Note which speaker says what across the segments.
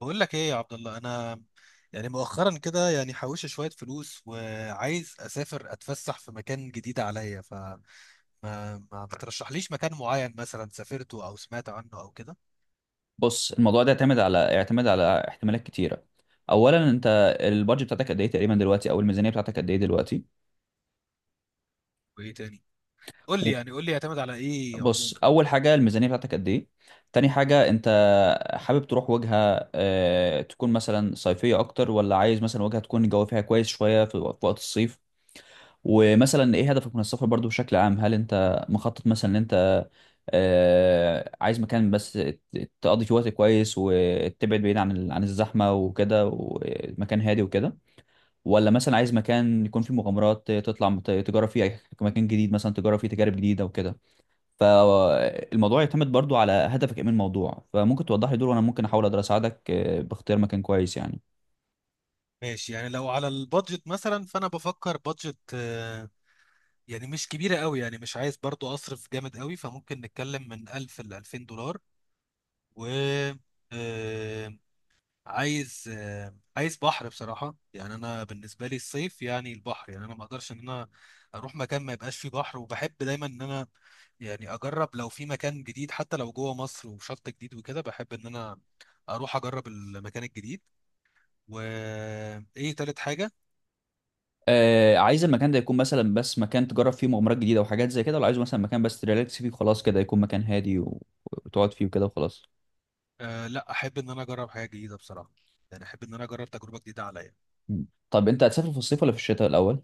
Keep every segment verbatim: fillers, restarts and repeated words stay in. Speaker 1: بقول لك ايه يا عبد الله، انا يعني مؤخرا كده يعني حوشت شويه فلوس وعايز اسافر اتفسح في مكان جديد عليا. فما ما ما بترشحليش مكان معين مثلا سافرته او سمعت عنه او كده؟
Speaker 2: بص، الموضوع ده يعتمد على يعتمد على احتمالات كتيره. اولا انت البادجت بتاعتك قد ايه تقريبا دلوقتي، او الميزانيه بتاعتك قد ايه دلوقتي؟
Speaker 1: وايه تاني؟ قول لي يعني قول لي يعتمد على ايه
Speaker 2: بص،
Speaker 1: عموما.
Speaker 2: اول حاجه الميزانيه بتاعتك قد ايه. تاني حاجه، انت حابب تروح وجهه آه، تكون مثلا صيفيه اكتر، ولا عايز مثلا وجهه تكون الجو فيها كويس شويه في في وقت الصيف؟ ومثلا ايه هدفك من السفر برضو بشكل عام؟ هل انت مخطط مثلا ان انت آه، عايز مكان بس ت- تقضي فيه وقت كويس وتبعد بعيد عن ال- عن الزحمة وكده، ومكان هادي وكده؟ ولا مثلا عايز مكان يكون فيه مغامرات تطلع مت- تجرب فيه أي- مكان جديد مثلا، تجرب فيه تجارب جديدة وكده؟ فالموضوع يعتمد برضو على هدفك ايه من الموضوع، فممكن توضح لي دول وانا ممكن احاول اقدر اساعدك آه، باختيار مكان كويس يعني.
Speaker 1: ماشي، يعني لو على البادجت مثلا فانا بفكر بادجت، آه، يعني مش كبيره قوي، يعني مش عايز برضو اصرف جامد قوي، فممكن نتكلم من ألف ل ألفين دولار. و آه، عايز آه، عايز بحر بصراحة. يعني أنا بالنسبة لي الصيف، يعني البحر، يعني أنا ما أقدرش إن أنا أروح مكان ما يبقاش فيه بحر. وبحب دايما إن أنا يعني أجرب لو في مكان جديد، حتى لو جوه مصر وشط جديد وكده، بحب إن أنا أروح أجرب المكان الجديد. وإيه تالت حاجة؟
Speaker 2: آه، عايز المكان ده يكون مثلا بس مكان تجرب فيه مغامرات جديدة وحاجات زي كده، ولا عايزه مثلا مكان بس تريلاكس فيه وخلاص كده، يكون مكان هادي و- وتقعد فيه وكده وخلاص؟
Speaker 1: أه، لا، أحب إن أنا أجرب حاجة جديدة بصراحة، يعني أحب إن أنا أجرب تجربة جديدة عليا.
Speaker 2: طب انت هتسافر في الصيف ولا في الشتاء الأول؟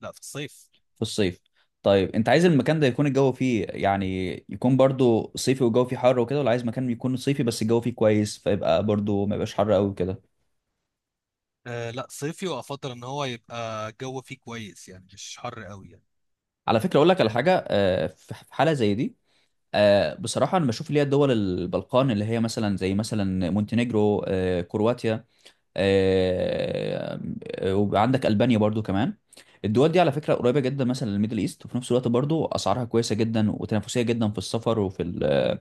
Speaker 1: لا، في الصيف.
Speaker 2: في الصيف. طيب انت عايز المكان ده يكون الجو فيه يعني يكون برضو صيفي والجو فيه حر وكده، ولا عايز مكان يكون صيفي بس الجو فيه كويس فيبقى برضو ما يبقاش حر قوي وكده؟
Speaker 1: أه لا، صيفي، وأفضل إن هو يبقى الجو فيه كويس، يعني مش حر قوي، يعني
Speaker 2: على فكرة اقول لك على
Speaker 1: يعني
Speaker 2: حاجة آه، في في حالة زي دي، آه، بصراحة أنا بشوف اللي هي دول البلقان، اللي هي مثلا زي مثلا مونتينيجرو، آه، كرواتيا، آه، آه، وعندك ألبانيا برضو كمان. الدول دي على فكرة قريبة جدا مثلا للميدل ايست، وفي نفس الوقت برضو اسعارها كويسة جدا وتنافسية جدا في السفر، وفي ال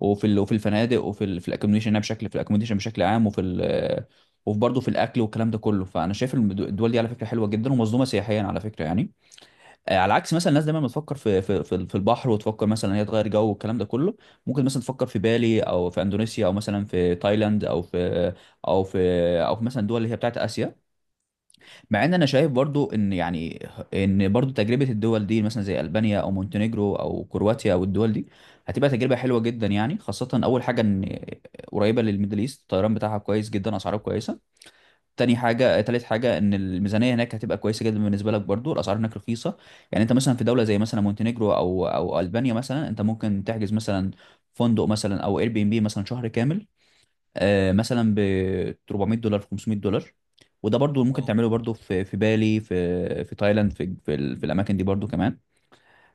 Speaker 2: وفي ال وفي الفنادق، وفي ال في الاكوموديشن بشكل في الاكوموديشن بشكل عام، وفي ال وفي برضه في الاكل والكلام ده كله. فانا شايف المد- الدول دي على فكرة حلوة جدا ومظلومة سياحيا على فكرة يعني. آه، على عكس مثلا الناس دايما بتفكر في في في في البحر وتفكر مثلا هي تغير جو والكلام ده كله، ممكن مثلا تفكر في بالي او في اندونيسيا او مثلا في تايلاند او في او في او في مثلا الدول اللي هي بتاعت اسيا. مع ان انا شايف برضو ان يعني ان برضو تجربه الدول دي مثلا زي البانيا او مونتينيجرو او كرواتيا او الدول دي هتبقى تجربه حلوه جدا يعني. خاصه اول حاجه ان قريبه للميدل ايست، الطيران بتاعها كويس جدا، اسعاره كويسه. تاني حاجة تالت حاجة، إن الميزانية هناك هتبقى كويسة جدا بالنسبة لك، برضو الأسعار هناك رخيصة. يعني أنت مثلا في دولة زي مثلا مونتينيجرو أو أو ألبانيا مثلا، أنت ممكن تحجز مثلا فندق مثلا أو اير بي ام بي مثلا شهر كامل آه، مثلا ب اربعمية دولار، خمسمية دولار. وده برضو ممكن
Speaker 1: اه
Speaker 2: تعمله برضو في في بالي، في في تايلاند، في في, ال- في الأماكن دي برضو كمان.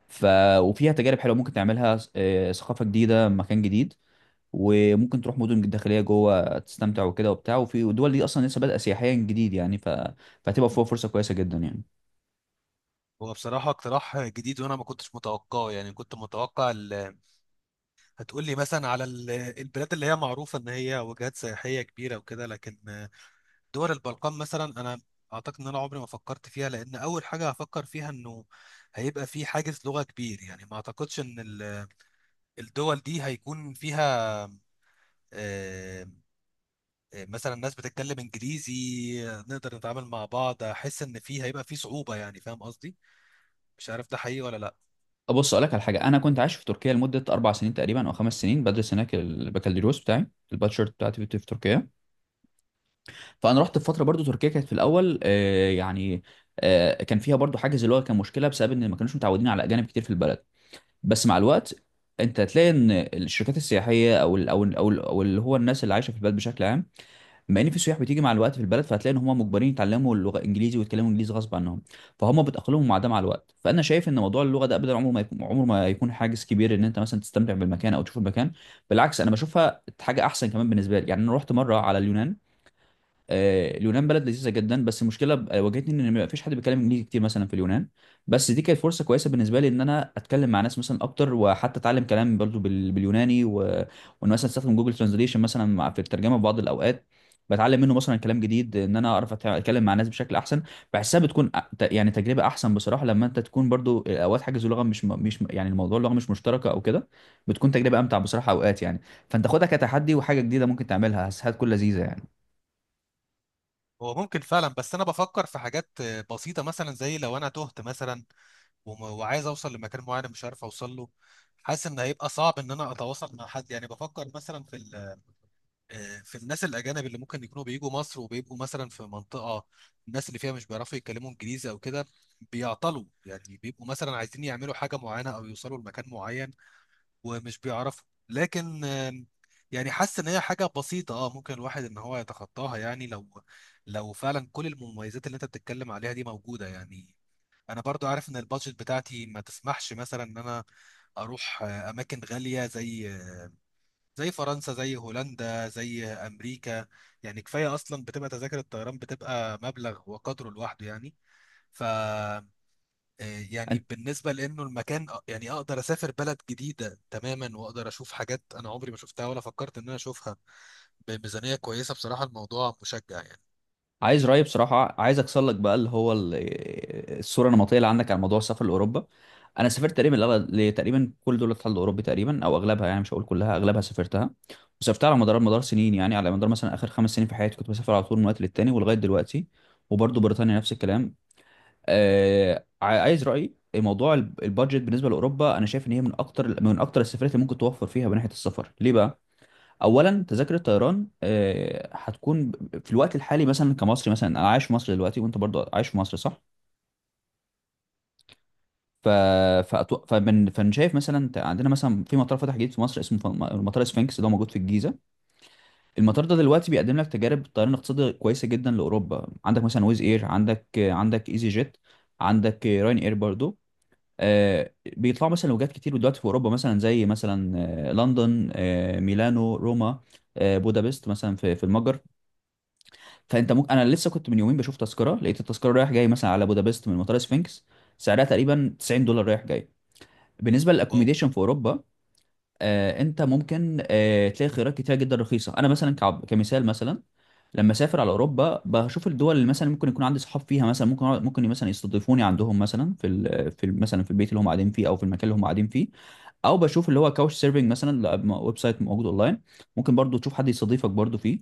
Speaker 2: ف وفيها تجارب حلوة ممكن تعملها، آه، ثقافة جديدة، مكان جديد. وممكن تروح مدن داخليه جوه تستمتع وكده وبتاع، وفي دول دي اصلا لسه بادئه سياحيا جديد يعني، ف... فهتبقى فيها فرصه كويسه جدا يعني.
Speaker 1: هو بصراحة اقتراح جديد وأنا ما كنتش متوقعه، يعني كنت متوقع ال- هتقول لي مثلا على ال- البلاد اللي هي معروفة إن هي وجهات سياحية كبيرة وكده، لكن دول البلقان مثلا أنا أعتقد إن أنا عمري ما فكرت فيها، لأن أول حاجة هفكر فيها إنه هيبقى في حاجز لغة كبير، يعني ما أعتقدش إن ال- الدول دي هيكون فيها آه، آه، مثلا ناس بتتكلم إنجليزي نقدر نتعامل مع بعض. أحس إن في هيبقى في صعوبة، يعني، فاهم قصدي؟ مش عارف ده حقيقي ولا لأ.
Speaker 2: بص اقول لك على حاجه، انا كنت عايش في تركيا لمده اربع سنين تقريبا او خمس سنين، بدرس هناك البكالوريوس بتاعي، الباتشر بتاعتي في في تركيا. فانا رحت في فتره برضو تركيا كانت في الاول آه، يعني آه، كان فيها برضو حاجز اللغه، كان مشكله بسبب ان ما كانوش متعودين على اجانب كتير في البلد. بس مع الوقت انت هتلاقي ان الشركات السياحيه او ال او ال او ال- أو اللي هو الناس اللي عايشه في البلد بشكل عام، بما ان في سياح بتيجي مع الوقت في البلد، فهتلاقي ان هم مجبرين يتعلموا اللغه الانجليزي ويتكلموا انجليزي غصب عنهم، فهم بتاقلمهم مع ده مع الوقت. فانا شايف ان موضوع اللغه ده ابدا عمره ما يكون عمره ما يكون حاجز كبير ان انت مثلا تستمتع بالمكان او تشوف المكان. بالعكس انا بشوفها حاجه احسن كمان بالنسبه لي يعني. انا رحت مره على اليونان، آه، اليونان بلد لذيذه جدا، بس المشكله ب- آه، واجهتني ان ما فيش حد بيتكلم انجليزي كتير مثلا في اليونان. بس دي كانت فرصه كويسه بالنسبه لي ان انا اتكلم مع ناس مثلا اكتر، وحتى اتعلم كلام برضو بال- باليوناني و... وان مثلا استخدم جوجل ترانزليشن مثلا مع- في الترجمه في بعض الاوقات، بتعلم منه مثلا كلام جديد، ان انا اعرف أت- اتكلم مع ناس بشكل احسن. بحسها بتكون أ- ت- يعني تجربه احسن بصراحه لما انت تكون برضو آه، اوقات حاجز لغه مش م- مش م- يعني الموضوع اللغه مش مشتركه او كده، بتكون تجربه امتع بصراحه اوقات يعني. فانت خدها كتحدي وحاجه جديده ممكن تعملها، هتكون لذيذه يعني.
Speaker 1: هو ممكن فعلا، بس انا بفكر في حاجات آه، بسيطه، مثلا زي لو انا تهت مثلا وم- وعايز اوصل لمكان معين مش عارف اوصل له. حاسس ان هيبقى صعب ان انا اتواصل مع حد، يعني بفكر مثلا في ال- آه، في الناس الاجانب اللي ممكن يكونوا بيجوا مصر وبيبقوا مثلا في منطقه الناس اللي فيها مش بيعرفوا يتكلموا انجليزي او كده، بيعطلوا يعني، بيبقوا مثلا عايزين يعملوا حاجه معينه او يوصلوا لمكان معين ومش بيعرفوا، لكن آم، يعني حاسس ان هي حاجه بسيطه، اه، ممكن الواحد ان هو يتخطاها، يعني لو لو فعلا كل المميزات اللي انت بتتكلم عليها دي موجوده يعني. انا برضو عارف ان البادجت بتاعتي ما تسمحش مثلا ان انا اروح آه، اماكن غاليه، زي زي فرنسا، زي هولندا، زي امريكا، يعني كفايه اصلا بتبقى تذاكر الطيران بتبقى مبلغ وقدره لوحده يعني. ف آه، يعني بالنسبة لأنه المكان، أ- يعني أقدر أسافر بلد جديدة تماما وأقدر أشوف حاجات أنا عمري ما شفتها ولا فكرت إن أنا أشوفها بميزانية كويسة، بصراحة الموضوع مشجع يعني.
Speaker 2: عايز رأيي بصراحة؟ عايز أكسر لك بقى اللي هو ال- الصورة النمطية اللي عندك عن موضوع السفر لأوروبا. أنا سافرت تقريبا لأغ- لتقريبا كل دول الاتحاد الأوروبي تقريبا أو أغلبها، يعني مش هقول كلها، أغلبها سافرتها. وسافرتها على مدار مدار سنين، يعني على مدار مثلا آخر خمس سنين في حياتي كنت بسافر على طول من وقت للتاني ولغاية دلوقتي، وبرضه بريطانيا نفس الكلام. آه، ع- عايز رأيي، موضوع الب- البادجت بالنسبة لأوروبا، أنا شايف إن هي من أكتر من أكتر السفرات اللي ممكن توفر فيها من ناحية السفر. ليه بقى؟ اولا تذاكر الطيران آه، هتكون ب- في الوقت الحالي، مثلا كمصري، مثلا انا عايش في مصر دلوقتي وانت برضو عايش في مصر، صح؟ ف فأتو... فمن... فأنا شايف مثلا ت- عندنا مثلا في مطار فتح جديد في مصر اسمه ف- مطار اسفنكس، ده موجود في الجيزه. المطار ده دلوقتي بيقدم لك تجارب طيران اقتصادي كويسه جدا لاوروبا. عندك مثلا ويز اير، عندك عندك ايزي جيت، عندك راين اير برضو. آه، بيطلعوا مثلا وجهات كتير دلوقتي في اوروبا مثلا زي مثلا آه، لندن، آه، ميلانو، روما، آه، بودابست مثلا في في المجر. فانت ممكن، انا لسه كنت من يومين بشوف تذكره، لقيت التذكره رايح جاي مثلا على بودابست من مطار سفنكس سعرها تقريبا تسعين دولار رايح جاي. بالنسبه
Speaker 1: واو!
Speaker 2: للاكوميديشن في اوروبا، آه، انت ممكن آه تلاقي خيارات كتيره جدا رخيصه. انا مثلا كعب كمثال مثلا، لما اسافر على اوروبا بشوف الدول اللي مثلا ممكن يكون عندي صحاب فيها، مثلا ممكن أقعد- ممكن مثلا يستضيفوني عندهم مثلا في ال- في ال- مثلا في البيت اللي هم قاعدين فيه او في المكان اللي هم قاعدين فيه. او بشوف اللي هو كاوش سيرفنج مثلا، لا، م- ويب سايت موجود اونلاين، ممكن برضو تشوف حد يستضيفك برضو فيه.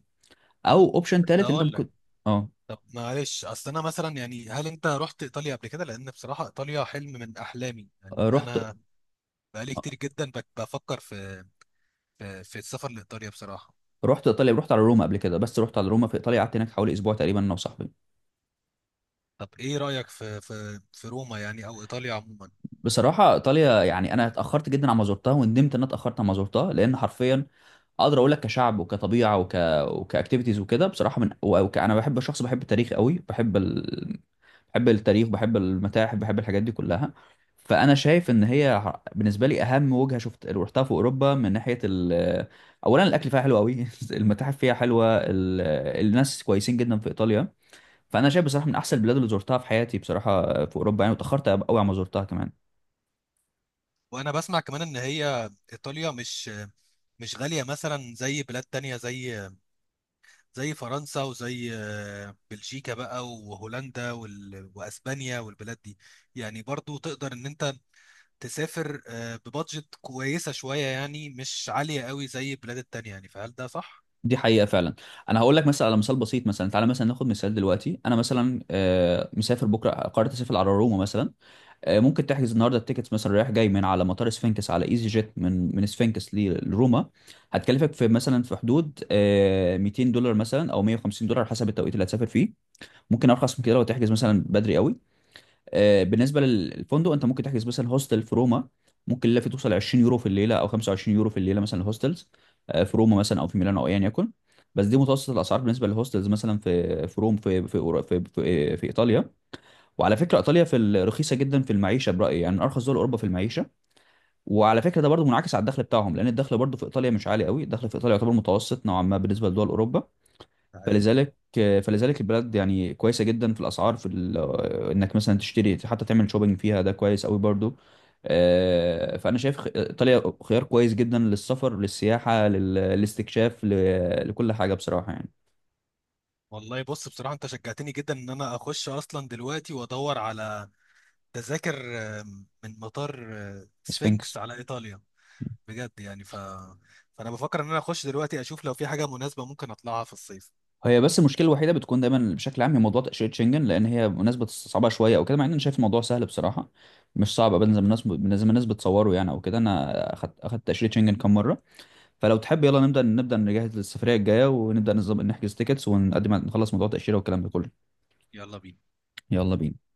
Speaker 2: او اوبشن
Speaker 1: بس
Speaker 2: تالت انت
Speaker 1: هقول لك،
Speaker 2: ممكن. اه،
Speaker 1: طب معلش، أصل أنا مثلا، يعني هل أنت رحت إيطاليا قبل كده؟ لأن بصراحة إيطاليا حلم من أحلامي، يعني
Speaker 2: آه، رحت.
Speaker 1: أنا بقالي كتير جدا بك- بفكر في في في السفر لإيطاليا بصراحة.
Speaker 2: رحت ايطاليا، رحت على روما قبل كده، بس رحت على روما في ايطاليا، قعدت هناك حوالي اسبوع تقريبا انا وصاحبي.
Speaker 1: طب إيه رأيك في في في روما، يعني أو إيطاليا عموما؟
Speaker 2: بصراحة إيطاليا يعني أنا اتأخرت جدا على ما زرتها، وندمت إن أنا اتأخرت على ما زرتها، لأن حرفيا أقدر أقول لك كشعب وكطبيعة وك وكأكتيفيتيز وكده بصراحة من و- وك... أنا بحب شخص بحب التاريخ قوي، بحب ال... بحب التاريخ، بحب المتاحف، بحب الحاجات دي كلها. فأنا شايف إن هي ح- بالنسبة لي أهم وجهة شفت رحتها في أوروبا، من ناحية ال... أولا الأكل فيها حلو قوي المتاحف فيها حلوة، ال... الناس كويسين جدا في إيطاليا. فأنا شايف بصراحة من أحسن البلاد اللي زرتها في حياتي بصراحة في أوروبا يعني، واتأخرت قوي على ما زرتها كمان.
Speaker 1: وأنا بسمع كمان إن هي إيطاليا مش مش غالية مثلا زي بلاد تانية، زي زي فرنسا، وزي آه، بلجيكا بقى، وهولندا، وال... وأسبانيا، والبلاد دي، يعني برضو تقدر إن أنت تسافر آه، ببادجت كويسة شوية، يعني مش عالية قوي زي البلاد التانية يعني، فهل ده صح؟
Speaker 2: دي حقيقة فعلا. أنا هقول لك مثلا على مثال بسيط، مثلا تعالى مثلا ناخد مثال دلوقتي، أنا مثلا آه، مسافر بكرة، قررت أسافر على روما مثلا، آه، ممكن تحجز النهاردة التيكتس مثلا رايح جاي من على مطار سفنكس على إيزي جيت من من سفنكس ل- لروما، هتكلفك في مثلا في حدود آه، مئتين دولار مثلا أو مئة وخمسين دولار حسب التوقيت اللي هتسافر فيه. ممكن أرخص من كده لو تحجز مثلا بدري قوي. آه، بالنسبه للفندق، انت ممكن تحجز مثلا هوستل في روما، ممكن الليله فيه توصل عشرين يورو في الليله او خمسة وعشرين يورو في الليله مثلا الهوستلز، آه، في روما مثلا او في ميلانو او ايا يكن. بس دي متوسط الاسعار بالنسبه للهوستلز مثلا في في روم في في أورو- في, في, في ايطاليا. وعلى فكره ايطاليا في ال- رخيصه جدا في المعيشه برايي يعني، من ارخص دول اوروبا في المعيشه. وعلى فكره ده برضو منعكس على الدخل بتاعهم، لان الدخل برضو في ايطاليا مش عالي قوي، الدخل في ايطاليا يعتبر متوسط نوعا ما بالنسبه لدول اوروبا.
Speaker 1: أي
Speaker 2: فلذلك فلذلك البلد يعني كويسه جدا في الاسعار، في ال- انك مثلا تشتري، حتى تعمل شوبينج فيها ده كويس قوي برضو. آه، فانا شايف خ- ايطاليا خيار كويس جدا للسفر، للسياحه، لل- للاستكشاف، ل- لكل حاجه بصراحه يعني.
Speaker 1: والله. بص بصراحة أنت شجعتني جدا إن أنا أخش أصلا دلوقتي وأدور على تذاكر، آه، من مطار آه،
Speaker 2: سفنكس.
Speaker 1: سفنكس، على إيطاليا بجد، يعني ف... فأنا بفكر إن أنا أخش دلوقتي أشوف لو في حاجة مناسبة ممكن أطلعها في الصيف.
Speaker 2: هي بس المشكله الوحيده بتكون دايما بشكل عام هي موضوع تاشيره شنجن، لان هي مناسبه صعبه شويه او كده، مع ان انا شايف الموضوع سهل بصراحه، مش صعب ابدا زي ما الناس زي ما الناس بتصوره يعني او كده، انا اخدت اخدت تاشيره شنجن كام مره. فلو تحب يلا نبدا نبدا نجهز للسفريه الجايه، ونبدا نظبط نحجز تيكتس ونقدم نخلص موضوع التاشيره والكلام ده كله.
Speaker 1: يلا بينا.
Speaker 2: يلا بينا.